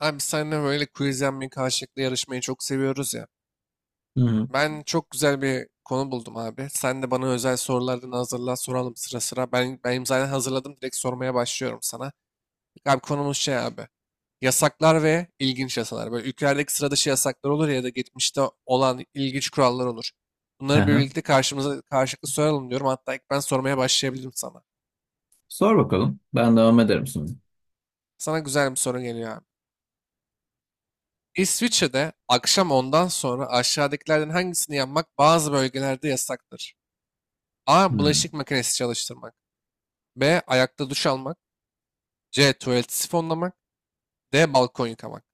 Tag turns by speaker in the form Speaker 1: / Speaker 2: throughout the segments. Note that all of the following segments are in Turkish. Speaker 1: Abi biz seninle böyle quiz yapmayı karşılıklı yarışmayı çok seviyoruz ya.
Speaker 2: Hı
Speaker 1: Ben çok güzel bir konu buldum abi. Sen de bana özel sorulardan hazırla soralım sıra sıra. Benim zaten hazırladım, direkt sormaya başlıyorum sana. Abi konumuz şey abi. Yasaklar ve ilginç yasalar. Böyle ülkelerdeki sıra dışı yasaklar olur ya da geçmişte olan ilginç kurallar olur. Bunları
Speaker 2: hı.
Speaker 1: birlikte karşımıza karşılıklı soralım diyorum. Hatta ilk ben sormaya başlayabilirim sana.
Speaker 2: Sor bakalım. Ben devam ederim şimdi.
Speaker 1: Sana güzel bir soru geliyor abi. İsviçre'de akşam ondan sonra aşağıdakilerden hangisini yapmak bazı bölgelerde yasaktır? A.
Speaker 2: Hmm.
Speaker 1: Bulaşık makinesi çalıştırmak. B. Ayakta duş almak. C. Tuvaleti sifonlamak. D. Balkon yıkamak.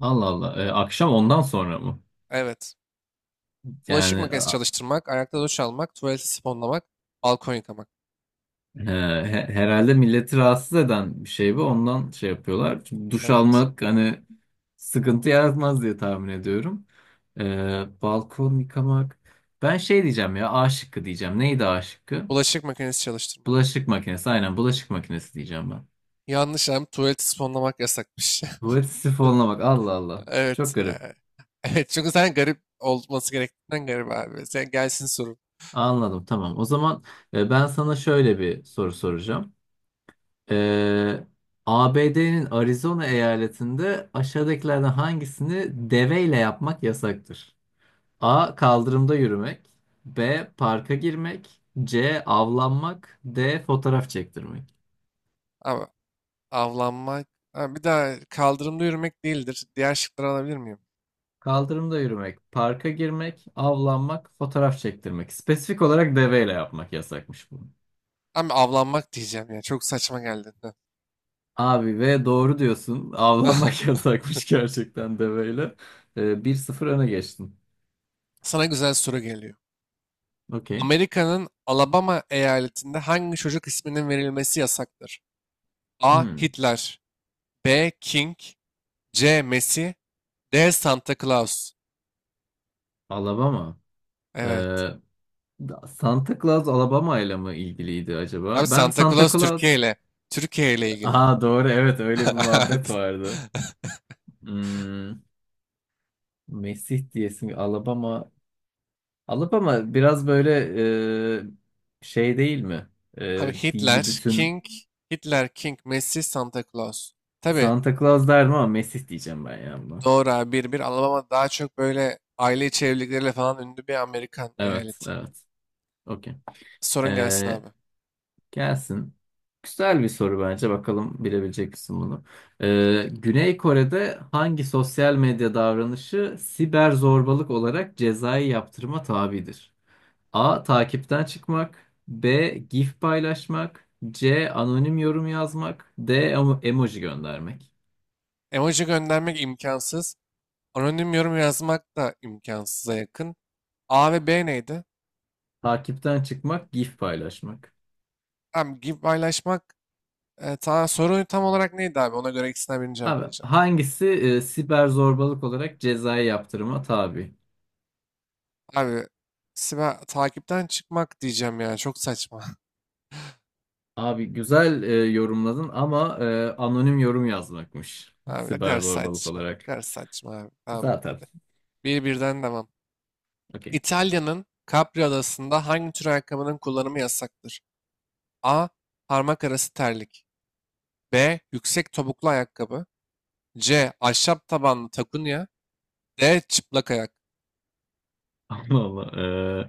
Speaker 2: Allah Allah. Akşam ondan sonra mı?
Speaker 1: Evet. Bulaşık
Speaker 2: Yani
Speaker 1: makinesi
Speaker 2: a-
Speaker 1: çalıştırmak, ayakta duş almak, tuvaleti sifonlamak, balkon yıkamak.
Speaker 2: e, Herhalde milleti rahatsız eden bir şey bu. Ondan şey yapıyorlar. Çünkü duş
Speaker 1: Evet.
Speaker 2: almak hani sıkıntı yaratmaz diye tahmin ediyorum. Balkon yıkamak. Ben şey diyeceğim ya. A şıkkı diyeceğim. Neydi A şıkkı?
Speaker 1: Bulaşık makinesi çalıştırmak.
Speaker 2: Bulaşık makinesi. Aynen bulaşık makinesi diyeceğim ben.
Speaker 1: Yanlış abi, tuvaleti sifonlamak yasakmış.
Speaker 2: Tuvalet sifonuna bak. Allah Allah.
Speaker 1: Evet.
Speaker 2: Çok garip.
Speaker 1: Evet, çünkü sen garip olması gerektiğinden garip abi. Sen gelsin sorun.
Speaker 2: Anladım, tamam. O zaman ben sana şöyle bir soru soracağım. E, ABD'nin Arizona eyaletinde aşağıdakilerden hangisini deveyle yapmak yasaktır? A. Kaldırımda yürümek. B. Parka girmek. C. Avlanmak. D. Fotoğraf çektirmek.
Speaker 1: Ama avlanmak. Ha, bir daha kaldırımda yürümek değildir. Diğer şıkları alabilir miyim?
Speaker 2: Kaldırımda yürümek, parka girmek, avlanmak, fotoğraf çektirmek. Spesifik olarak deveyle yapmak yasakmış bu.
Speaker 1: Abi avlanmak diyeceğim ya. Çok saçma geldi.
Speaker 2: Abi ve doğru diyorsun. Avlanmak yasakmış gerçekten deveyle. 1-0 öne geçtin.
Speaker 1: Sana güzel soru geliyor.
Speaker 2: Okey.
Speaker 1: Amerika'nın Alabama eyaletinde hangi çocuk isminin verilmesi yasaktır? A.
Speaker 2: Hmm.
Speaker 1: Hitler. B. King. C. Messi. D. Santa Claus.
Speaker 2: Alabama.
Speaker 1: Evet.
Speaker 2: Ee, Santa Claus Alabama ile mi ilgiliydi
Speaker 1: Abi
Speaker 2: acaba? Ben
Speaker 1: Santa
Speaker 2: Santa
Speaker 1: Claus Türkiye
Speaker 2: Claus.
Speaker 1: ile ilgili.
Speaker 2: Aa, doğru, evet, öyle bir muhabbet vardı. Hmm. Mesih diyesin Alabama. Alabama biraz böyle şey değil mi?
Speaker 1: Abi Hitler,
Speaker 2: Dini bütün
Speaker 1: King, Messi, Santa Claus. Tabii.
Speaker 2: Santa Claus derdim ama Mesih diyeceğim ben ya buna.
Speaker 1: Doğru abi, bir Alabama daha çok böyle aile içi evlilikleriyle falan ünlü bir Amerikan
Speaker 2: Evet,
Speaker 1: eyaleti.
Speaker 2: evet. Okey.
Speaker 1: Sorun gelsin
Speaker 2: Ee,
Speaker 1: abi.
Speaker 2: Gelsin. Güzel bir soru bence. Bakalım bilebilecek misin bunu? Güney Kore'de hangi sosyal medya davranışı siber zorbalık olarak cezai yaptırıma tabidir? A. Takipten çıkmak. B. GIF paylaşmak. C. Anonim yorum yazmak. D. Emoji göndermek.
Speaker 1: Emoji göndermek imkansız. Anonim yorum yazmak da imkansıza yakın. A ve B neydi?
Speaker 2: Takipten çıkmak, GIF paylaşmak.
Speaker 1: Abi gibi paylaşmak, soru tam olarak neydi abi? Ona göre ikisinden birini cevap
Speaker 2: Abi
Speaker 1: vereceğim.
Speaker 2: hangisi siber zorbalık olarak cezai yaptırıma tabi?
Speaker 1: Abi takipten çıkmak diyeceğim ya. Çok saçma.
Speaker 2: Abi güzel yorumladın ama anonim yorum yazmakmış.
Speaker 1: Abi ne
Speaker 2: Siber
Speaker 1: kadar
Speaker 2: zorbalık
Speaker 1: saçma. Ne
Speaker 2: olarak.
Speaker 1: kadar saçma abi. Tamam.
Speaker 2: Zaten.
Speaker 1: Bir birden devam.
Speaker 2: Okey.
Speaker 1: İtalya'nın Capri Adası'nda hangi tür ayakkabının kullanımı yasaktır? A. Parmak arası terlik. B. Yüksek topuklu ayakkabı. C. Ahşap tabanlı takunya. D. Çıplak ayak.
Speaker 2: Allah Allah. E,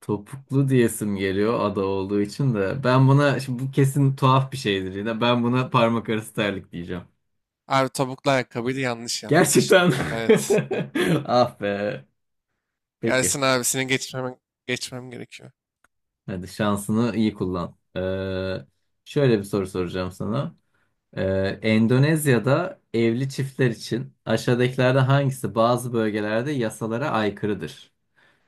Speaker 2: Topuklu diyesim geliyor ada olduğu için de. Şimdi bu kesin tuhaf bir şeydir yine. Ben buna parmak arası terlik diyeceğim.
Speaker 1: Abi topuklu ayakkabıydı, yanlış yaptın işte.
Speaker 2: Gerçekten.
Speaker 1: Evet.
Speaker 2: Ah be. Peki.
Speaker 1: Gelsin abi, geçmem gerekiyor.
Speaker 2: Hadi şansını iyi kullan. Şöyle bir soru soracağım sana. Endonezya'da evli çiftler için aşağıdakilerden hangisi bazı bölgelerde yasalara aykırıdır?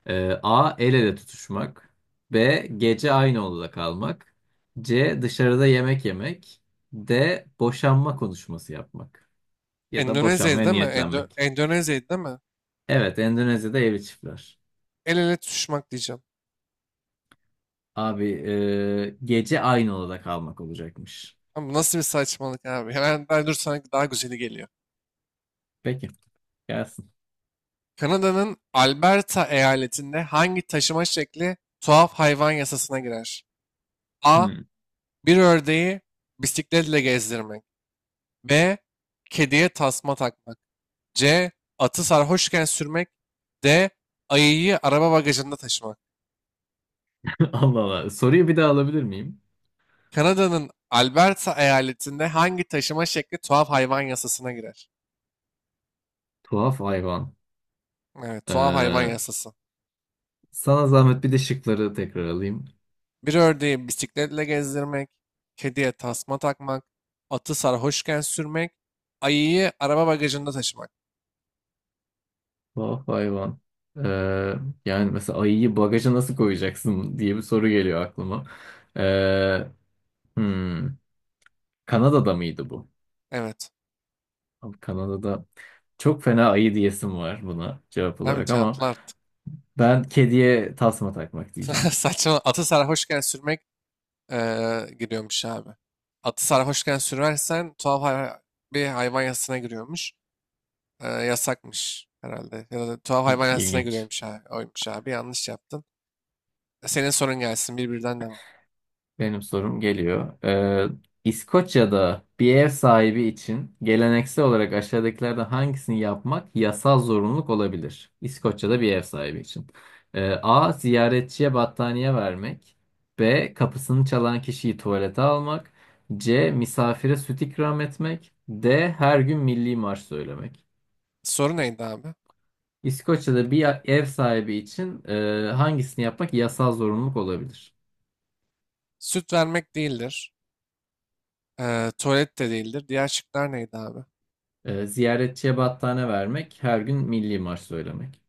Speaker 2: A. El ele tutuşmak. B. Gece aynı odada kalmak. C. Dışarıda yemek yemek. D. Boşanma konuşması yapmak. Ya da
Speaker 1: Endonezya'ydı
Speaker 2: boşanmaya
Speaker 1: değil mi? Endo
Speaker 2: niyetlenmek.
Speaker 1: Endonezya'ydı değil mi?
Speaker 2: Evet, Endonezya'da evli çiftler.
Speaker 1: El ele tutuşmak diyeceğim.
Speaker 2: Abi gece aynı odada kalmak olacakmış.
Speaker 1: Ama bu nasıl bir saçmalık abi? Hemen ben dur, sana daha güzeli geliyor.
Speaker 2: Peki, gelsin.
Speaker 1: Kanada'nın Alberta eyaletinde hangi taşıma şekli tuhaf hayvan yasasına girer? A.
Speaker 2: Hmm.
Speaker 1: Bir ördeği bisikletle gezdirmek. B. Kediye tasma takmak. C. Atı sarhoşken sürmek. D. Ayıyı araba bagajında taşımak.
Speaker 2: Allah Allah. Soruyu bir daha alabilir miyim?
Speaker 1: Kanada'nın Alberta eyaletinde hangi taşıma şekli tuhaf hayvan yasasına girer?
Speaker 2: Tuhaf hayvan.
Speaker 1: Evet, tuhaf hayvan
Speaker 2: Ee,
Speaker 1: yasası.
Speaker 2: Sana zahmet bir de şıkları tekrar alayım.
Speaker 1: Bir ördeği bisikletle gezdirmek, kediye tasma takmak, atı sarhoşken sürmek, ayıyı araba bagajında taşımak.
Speaker 2: Oh hayvan. Ee, Yani mesela ayıyı bagaja nasıl koyacaksın diye bir soru geliyor aklıma. Ee, hmm, Kanada'da mıydı bu?
Speaker 1: Evet.
Speaker 2: Abi Kanada'da çok fena ayı diyesim var buna cevap
Speaker 1: Abi
Speaker 2: olarak ama
Speaker 1: cevaplar artık.
Speaker 2: ben kediye tasma takmak diyeceğim.
Speaker 1: Saçma. Atı sarhoşken sürmek, giriyormuş abi. Atı sarhoşken sürersen tuhaf hay- bir hayvan yasasına giriyormuş. Yasakmış herhalde. Ya da tuhaf hayvan yasasına
Speaker 2: İlginç.
Speaker 1: giriyormuş abi. Oymuş abi. Yanlış yaptın. Senin sorun gelsin. Birbirinden devam.
Speaker 2: Benim sorum geliyor. İskoçya'da bir ev sahibi için geleneksel olarak aşağıdakilerden hangisini yapmak yasal zorunluluk olabilir? İskoçya'da bir ev sahibi için. A. Ziyaretçiye battaniye vermek. B. Kapısını çalan kişiyi tuvalete almak. C. Misafire süt ikram etmek. D. Her gün milli marş söylemek.
Speaker 1: Soru neydi abi?
Speaker 2: İskoçya'da bir ev sahibi için hangisini yapmak yasal zorunluluk olabilir?
Speaker 1: Süt vermek değildir. Tuvalet de değildir. Diğer şıklar neydi abi?
Speaker 2: Ziyaretçiye battaniye vermek, her gün milli marş söylemek.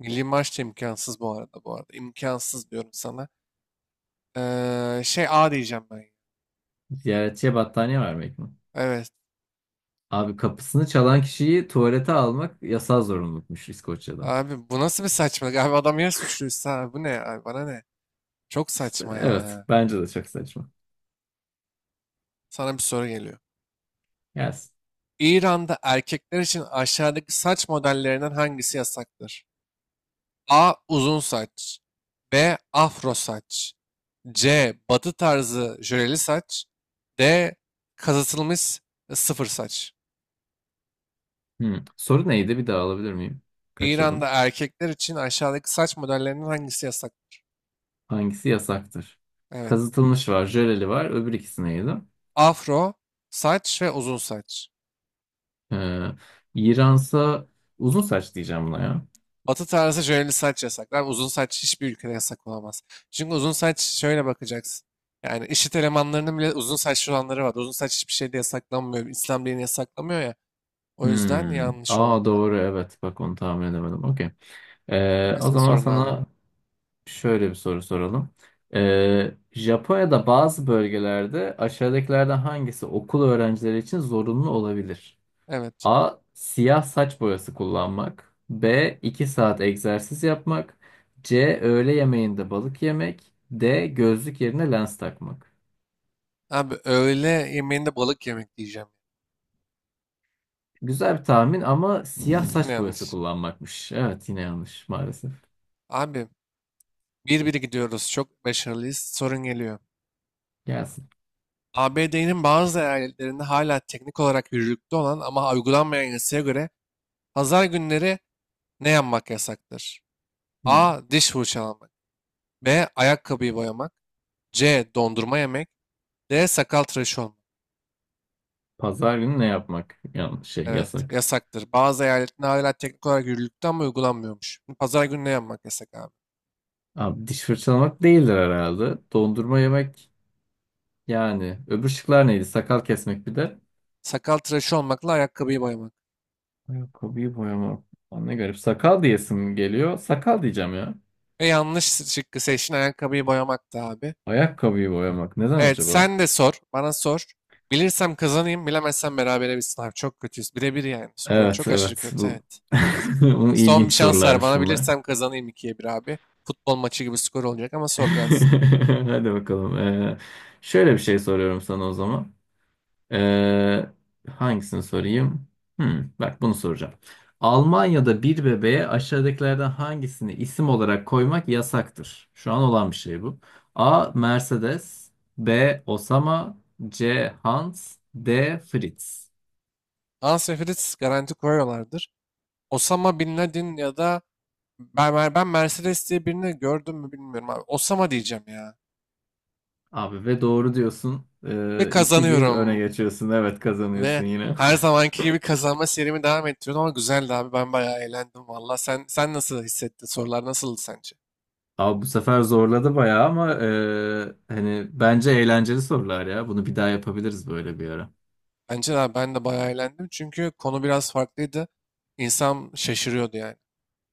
Speaker 1: Milli maç da imkansız, bu arada. İmkansız diyorum sana. Şey, A diyeceğim ben.
Speaker 2: Ziyaretçiye battaniye vermek mi?
Speaker 1: Evet.
Speaker 2: Abi kapısını çalan kişiyi tuvalete almak yasal zorunlulukmuş İskoçya'da.
Speaker 1: Abi bu nasıl bir saçmalık? Abi adam ya suçluysa, abi bu ne? Abi bana ne? Çok
Speaker 2: İşte
Speaker 1: saçma
Speaker 2: evet,
Speaker 1: ya.
Speaker 2: bence de çok saçma.
Speaker 1: Sana bir soru geliyor.
Speaker 2: Gelsin.
Speaker 1: İran'da erkekler için aşağıdaki saç modellerinden hangisi yasaktır? A. Uzun saç. B. Afro saç. C. Batı tarzı jöleli saç. D. Kazıtılmış sıfır saç.
Speaker 2: Hmm. Soru neydi, bir daha alabilir miyim? Kaçırdım.
Speaker 1: İran'da erkekler için aşağıdaki saç modellerinden hangisi yasaktır?
Speaker 2: Hangisi yasaktır?
Speaker 1: Evet.
Speaker 2: Kazıtılmış var, jöleli var. Öbür ikisi neydi?
Speaker 1: Afro saç ve uzun saç.
Speaker 2: Ee, İransa uzun saç diyeceğim buna ya.
Speaker 1: Batı tarzı jöleli saç yasaklar. Uzun saç hiçbir ülkede yasak olamaz. Çünkü uzun saç şöyle bakacaksın. Yani IŞİD elemanlarının bile uzun saçlı olanları var. Uzun saç hiçbir şeyde yasaklanmıyor. İslam dini yasaklamıyor ya. O yüzden
Speaker 2: Hmm.
Speaker 1: yanlış
Speaker 2: Aa,
Speaker 1: oldu abi.
Speaker 2: doğru, evet, bak onu tahmin edemedim. Okey. O
Speaker 1: Gelsin
Speaker 2: zaman
Speaker 1: sorun abi.
Speaker 2: sana şöyle bir soru soralım. Japonya'da bazı bölgelerde aşağıdakilerden hangisi okul öğrencileri için zorunlu olabilir?
Speaker 1: Evet.
Speaker 2: A. Siyah saç boyası kullanmak. B. 2 saat egzersiz yapmak. C. Öğle yemeğinde balık yemek. D. Gözlük yerine lens takmak.
Speaker 1: Abi öğle yemeğinde balık yemek diyeceğim.
Speaker 2: Güzel bir tahmin ama siyah saç boyası
Speaker 1: Yanlış.
Speaker 2: kullanmakmış. Evet, yine yanlış maalesef.
Speaker 1: Abi bir biri gidiyoruz. Çok başarılıyız. Sorun geliyor.
Speaker 2: Gelsin.
Speaker 1: ABD'nin bazı eyaletlerinde hala teknik olarak yürürlükte olan ama uygulanmayan yasaya göre pazar günleri ne yapmak yasaktır?
Speaker 2: Hmm.
Speaker 1: A. Diş fırçalamak. B. Ayakkabıyı boyamak. C. Dondurma yemek. D. Sakal tıraşı olmak.
Speaker 2: Pazar günü ne yapmak? Yanlış şey
Speaker 1: Evet,
Speaker 2: yasak.
Speaker 1: yasaktır. Bazı eyaletlerde hala teknik olarak yürürlükte ama uygulanmıyormuş. Şimdi pazar günü ne yapmak yasak abi?
Speaker 2: Abi diş fırçalamak değildir herhalde. Dondurma yemek yani. Öbür şıklar neydi? Sakal kesmek bir de.
Speaker 1: Sakal tıraşı olmakla ayakkabıyı boyamak.
Speaker 2: Ayakkabıyı boyamak. Lan ne garip. Sakal diyesim geliyor. Sakal diyeceğim ya.
Speaker 1: Ve yanlış şıkkı seçin, ayakkabıyı boyamak da abi.
Speaker 2: Ayakkabıyı boyamak. Neden
Speaker 1: Evet,
Speaker 2: acaba?
Speaker 1: sen de sor. Bana sor. Bilirsem kazanayım, bilemezsem berabere bitsin abi. Çok kötüyüz. Bire bir yani. Skor
Speaker 2: Evet,
Speaker 1: çok aşırı
Speaker 2: evet.
Speaker 1: kötü, evet.
Speaker 2: Bu
Speaker 1: Son bir
Speaker 2: ilginç
Speaker 1: şans ver
Speaker 2: sorularmış
Speaker 1: bana.
Speaker 2: bunlar.
Speaker 1: Bilirsem kazanayım, ikiye bir abi. Futbol maçı gibi skor olacak, ama sor gelsin.
Speaker 2: Hadi bakalım. Şöyle bir şey soruyorum sana o zaman. Ee, Hangisini sorayım? Hmm, bak bunu soracağım. Almanya'da bir bebeğe aşağıdakilerden hangisini isim olarak koymak yasaktır? Şu an olan bir şey bu. A. Mercedes. B. Osama. C. Hans. D. Fritz.
Speaker 1: Ansefrit garanti koyuyorlardır. Osama Bin Laden ya da ben Mercedes diye birini gördüm mü bilmiyorum abi. Osama diyeceğim ya.
Speaker 2: Abi ve doğru diyorsun.
Speaker 1: Ve
Speaker 2: 2-1 öne
Speaker 1: kazanıyorum.
Speaker 2: geçiyorsun. Evet, kazanıyorsun
Speaker 1: Ve
Speaker 2: yine.
Speaker 1: her zamanki gibi kazanma serimi devam ettiriyorum, ama güzeldi abi. Ben bayağı eğlendim valla. Sen nasıl hissettin? Sorular nasıldı sence?
Speaker 2: Abi bu sefer zorladı bayağı ama hani bence eğlenceli sorular ya. Bunu bir daha yapabiliriz böyle bir ara.
Speaker 1: Bence de abi, ben de bayağı eğlendim. Çünkü konu biraz farklıydı. İnsan şaşırıyordu yani.